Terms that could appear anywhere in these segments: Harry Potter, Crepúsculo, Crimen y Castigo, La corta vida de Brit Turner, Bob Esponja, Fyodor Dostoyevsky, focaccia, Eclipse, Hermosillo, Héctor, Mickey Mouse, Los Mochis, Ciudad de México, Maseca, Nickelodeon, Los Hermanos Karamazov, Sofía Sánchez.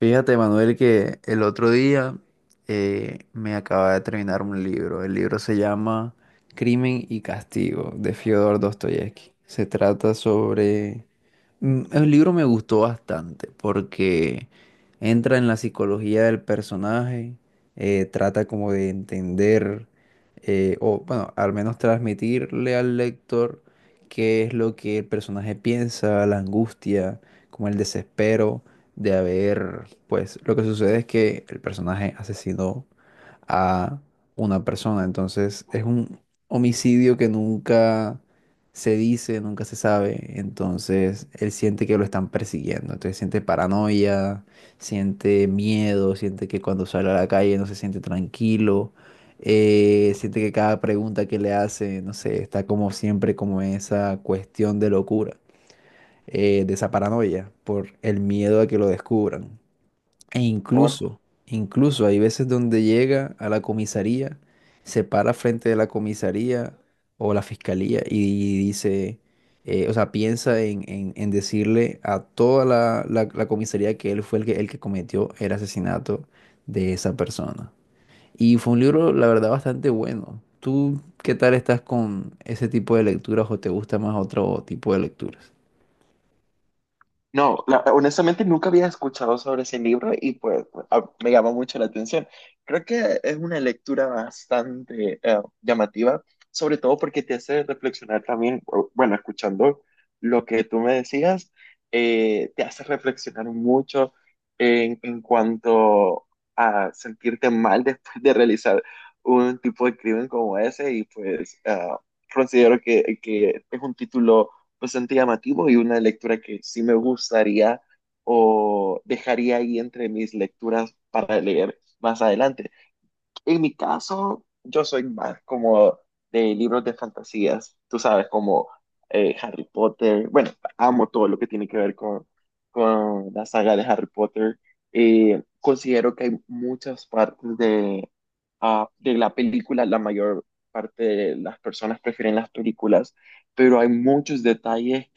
Fíjate, Manuel, que el otro día me acaba de terminar un libro. El libro se llama Crimen y Castigo de Fyodor Dostoyevsky. Se trata sobre. El libro me gustó bastante porque entra en la psicología del personaje, trata como de entender, o bueno, al menos transmitirle al lector qué es lo que el personaje piensa, la angustia, como el desespero de haber, pues lo que sucede es que el personaje asesinó a una persona. Entonces es un homicidio que nunca se dice, nunca se sabe. Entonces él siente que lo están persiguiendo, entonces siente paranoia, siente miedo, siente que cuando sale a la calle no se siente tranquilo. Siente que cada pregunta que le hace, no sé, está como siempre como esa cuestión de locura, de esa paranoia por el miedo a que lo descubran. E Un- incluso, incluso hay veces donde llega a la comisaría, se para frente de la comisaría o la fiscalía y dice, o sea, piensa en, en decirle a toda la comisaría que él fue el que cometió el asesinato de esa persona. Y fue un libro, la verdad, bastante bueno. ¿Tú qué tal estás con ese tipo de lecturas o te gusta más otro tipo de lecturas? No, honestamente nunca había escuchado sobre ese libro y pues me llamó mucho la atención. Creo que es una lectura bastante llamativa, sobre todo porque te hace reflexionar también, bueno, escuchando lo que tú me decías, te hace reflexionar mucho en cuanto a sentirte mal después de realizar un tipo de crimen como ese y pues considero que es un título bastante llamativo y una lectura que sí me gustaría o dejaría ahí entre mis lecturas para leer más adelante. En mi caso, yo soy más como de libros de fantasías, tú sabes, como Harry Potter. Bueno, amo todo lo que tiene que ver con la saga de Harry Potter. Considero que hay muchas partes de, de la película, la mayor parte de las personas prefieren las películas, pero hay muchos detalles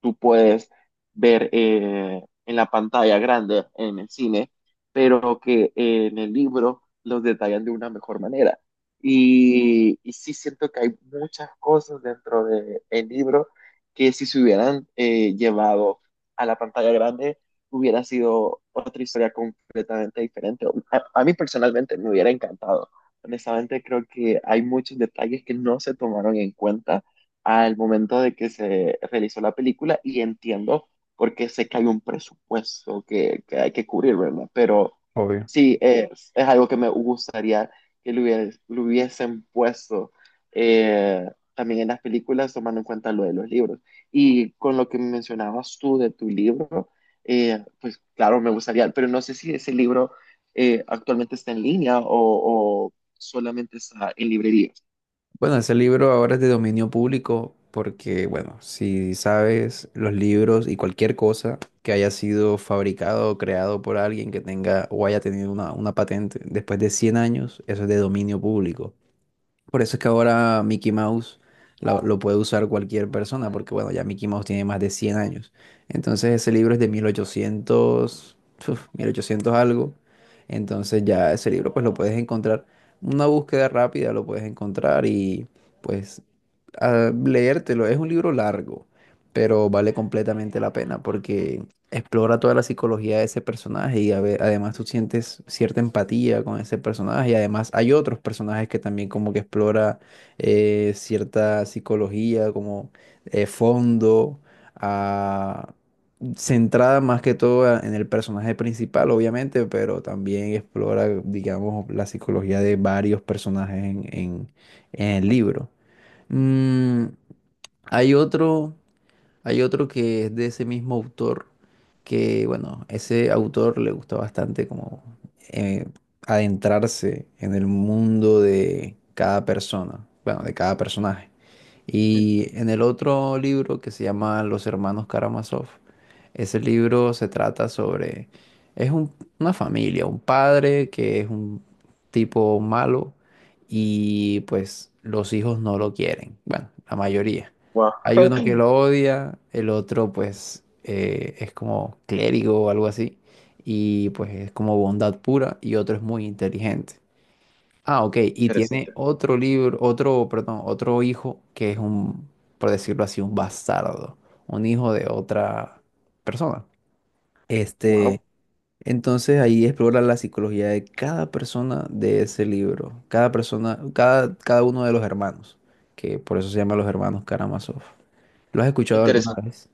tú puedes ver en la pantalla grande, en el cine, pero que en el libro los detallan de una mejor manera. Y sí siento que hay muchas cosas dentro del libro que si se hubieran llevado a la pantalla grande, hubiera sido otra historia completamente diferente. A mí personalmente me hubiera encantado. Honestamente, creo que hay muchos detalles que no se tomaron en cuenta al momento de que se realizó la película y entiendo porque sé que hay un presupuesto que hay que cubrir, ¿verdad? Pero Obvio. sí, es algo que me gustaría que lo, lo hubiesen puesto eh, también en las películas, tomando en cuenta lo de los libros. Y con lo que mencionabas tú de tu libro, pues claro, me gustaría, pero no sé si ese libro actualmente está en línea o solamente está en librerías. Bueno, ese libro ahora es de dominio público porque, bueno, si sabes, los libros y cualquier cosa que haya sido fabricado o creado por alguien que tenga o haya tenido una patente después de 100 años, eso es de dominio público. Por eso es que ahora Mickey Mouse lo puede usar cualquier persona, porque bueno, ya Mickey Mouse tiene más de 100 años. Entonces ese libro es de 1800, uf, 1800 algo. Entonces ya ese libro pues lo puedes encontrar, una búsqueda rápida lo puedes encontrar y pues a leértelo. Es un libro largo, pero vale completamente la pena porque explora toda la psicología de ese personaje y además tú sientes cierta empatía con ese personaje, y además hay otros personajes que también como que explora, cierta psicología como, fondo, ah, centrada más que todo en el personaje principal, obviamente, pero también explora, digamos, la psicología de varios personajes en en el libro. Mm, hay otro, hay otro que es de ese mismo autor, que bueno, ese autor le gusta bastante como, eh, adentrarse en el mundo de cada persona, bueno, de cada personaje. Ujú. Y en el otro libro que se llama Los Hermanos Karamazov, ese libro se trata sobre, es un- una familia, un padre que es un tipo malo y pues los hijos no lo quieren, bueno, la mayoría. Wow, Hay uno que lo odia, el otro pues, es como clérigo o algo así, y pues es como bondad pura, y otro es muy inteligente. Ah, ok. Y tiene interesante. otro libro, otro, perdón, otro hijo que es un, por decirlo así, un bastardo, un hijo de otra persona. Wow, Este, entonces ahí explora la psicología de cada persona de ese libro, cada persona, cada uno de los hermanos, que por eso se llama Los Hermanos Karamazov. ¿Lo has escuchado alguna interesante. vez?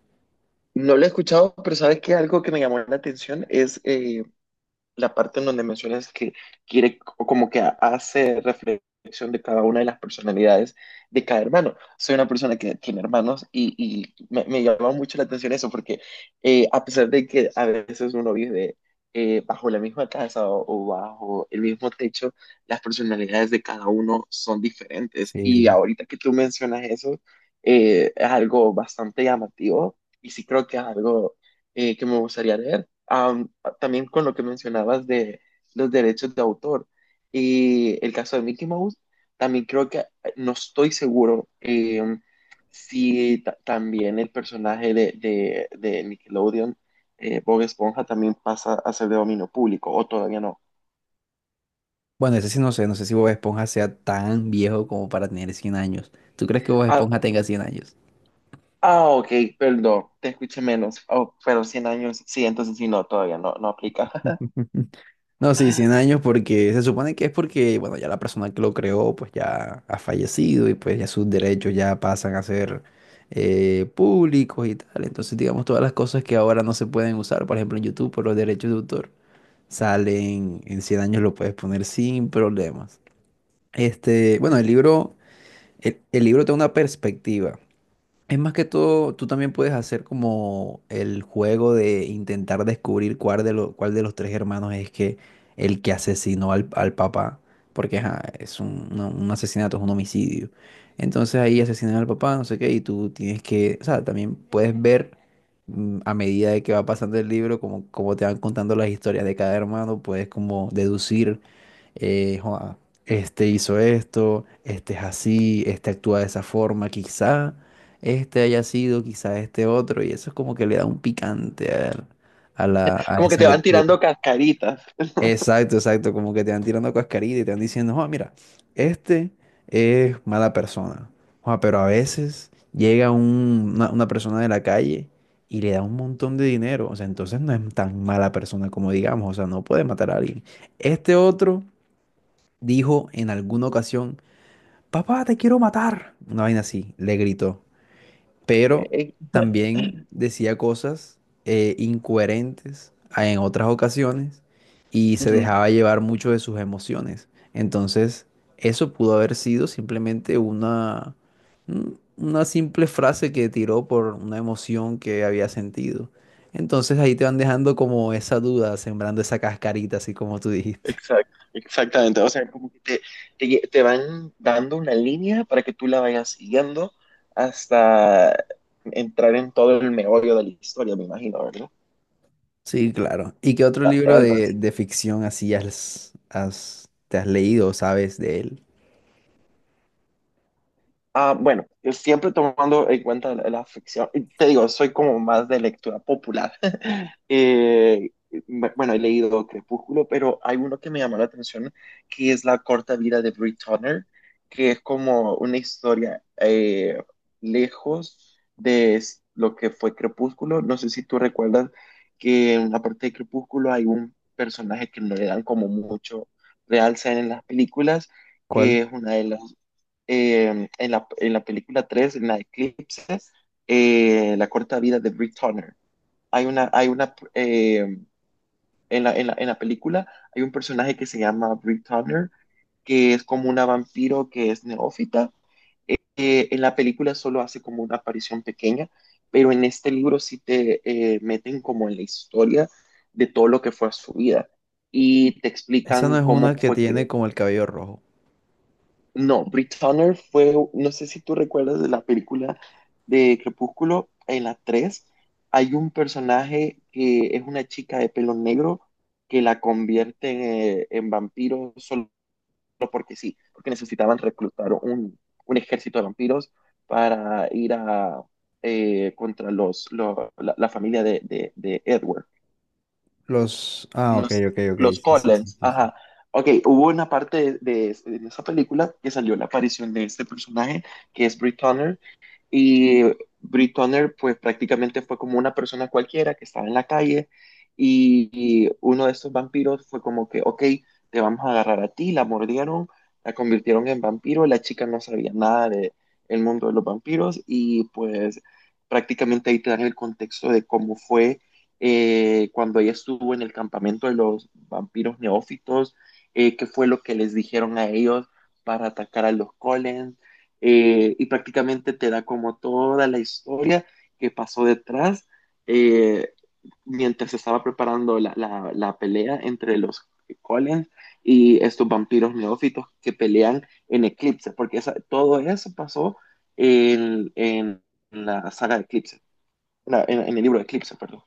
No lo he escuchado, pero sabes que algo que me llamó la atención es la parte en donde mencionas que quiere o como que hace reflexión de cada una de las personalidades de cada hermano. Soy una persona que tiene hermanos y me llama mucho la atención eso porque a pesar de que a veces uno vive bajo la misma casa o bajo el mismo techo, las personalidades de cada uno son diferentes. Y Sí. ahorita que tú mencionas eso, es algo bastante llamativo y sí creo que es algo que me gustaría leer. También con lo que mencionabas de los derechos de autor y el caso de Mickey Mouse, también creo que no estoy seguro si también el personaje de, de Nickelodeon, Bob Esponja, también pasa a ser de dominio público o todavía no. Bueno, ese sí no sé, si Bob Esponja sea tan viejo como para tener 100 años. ¿Tú crees que Bob Ah, Esponja tenga 100 años? ah, ok, perdón, te escuché menos, oh, pero 100 años, sí, entonces sí, no, todavía no, no aplica. No, sí, 100 años porque se supone que es porque, bueno, ya la persona que lo creó pues ya ha fallecido y pues ya sus derechos ya pasan a ser, públicos y tal. Entonces, digamos, todas las cosas que ahora no se pueden usar, por ejemplo, en YouTube por los derechos de autor, salen en 100 años lo puedes poner sin problemas. Este, bueno, el libro, el libro te da una perspectiva. Es más que todo, tú también puedes hacer como el juego de intentar descubrir cuál de los tres hermanos es que el que asesinó al papá, porque ajá, es un asesinato, es un homicidio. Entonces ahí asesinan al papá, no sé qué, y tú tienes que, o sea, también puedes ver, a medida de que va pasando el libro, como te van contando las historias de cada hermano, puedes como deducir, "Joa, este hizo esto, este es así, este actúa de esa forma, quizá este haya sido, quizá este otro", y eso es como que le da un picante a Como que esa te van lectura. tirando cascaritas. Exacto, exacto, como que te van tirando cascarita y te van diciendo, oh, mira, este es mala persona. Joa, pero a veces llega una persona de la calle y le da un montón de dinero, o sea, entonces no es tan mala persona como digamos, o sea, no puede matar a alguien. Este otro dijo en alguna ocasión, papá, te quiero matar. Una vaina así, le gritó. Pero Ok. también decía cosas, incoherentes en otras ocasiones y se Ujú. dejaba llevar mucho de sus emociones. Entonces, eso pudo haber sido simplemente una simple frase que tiró por una emoción que había sentido. Entonces ahí te van dejando como esa duda, sembrando esa cascarita, así como tú dijiste. Exacto, exactamente. O sea, como que te van dando una línea para que tú la vayas siguiendo hasta entrar en todo el meollo de la historia, me imagino, Sí, claro. ¿Y qué otro libro ¿verdad? de ficción así has, te has leído, sabes de él? Ah, bueno, yo siempre tomando en cuenta la ficción, y te digo, soy como más de lectura popular. Eh, bueno, he leído Crepúsculo, pero hay uno que me llamó la atención, que es La corta vida de Brit Turner, que es como una historia lejos de lo que fue Crepúsculo. No sé si tú recuerdas que en la parte de Crepúsculo hay un personaje que no le dan como mucho realce en las películas, ¿Cuál? que es una de las en la película 3 en la Eclipse, La corta vida de Brick Turner. Hay una, en la, en la, en la película hay un personaje que se llama Brick Turner, que es como una vampiro que es neófita. En la película solo hace como una aparición pequeña, pero en este libro sí te meten como en la historia de todo lo que fue su vida y te Esa explican no es cómo una que fue que tiene como el cabello rojo. no, Brit Turner fue, no sé si tú recuerdas de la película de Crepúsculo, en la 3 hay un personaje que es una chica de pelo negro que la convierte en, vampiro solo que sí, porque necesitaban reclutar un ejército de vampiros para ir a, contra los, la, la familia de Edward. Los. Ah, ok, Los, ok, ok. los Sí, sí, sí, Collins, sí, sí. ajá. Ok, hubo una parte de, de esa película que salió la aparición de este personaje, que es Brit Turner, y Brit Turner pues prácticamente fue como una persona cualquiera que estaba en la calle y, y uno de estos vampiros fue como que, ok, te vamos a agarrar a ti, la mordieron, la convirtieron en vampiro, la chica no sabía nada de el mundo de los vampiros y pues prácticamente ahí te dan el contexto de cómo fue cuando ella estuvo en el campamento de los vampiros neófitos, qué fue lo que les dijeron a ellos para atacar a los Collins, y prácticamente te da como toda la historia que pasó detrás eh, mientras se estaba preparando la, la, la pelea entre los Collins y estos vampiros neófitos que pelean en Eclipse, porque esa, todo eso pasó en la saga de Eclipse, en el libro de Eclipse, perdón.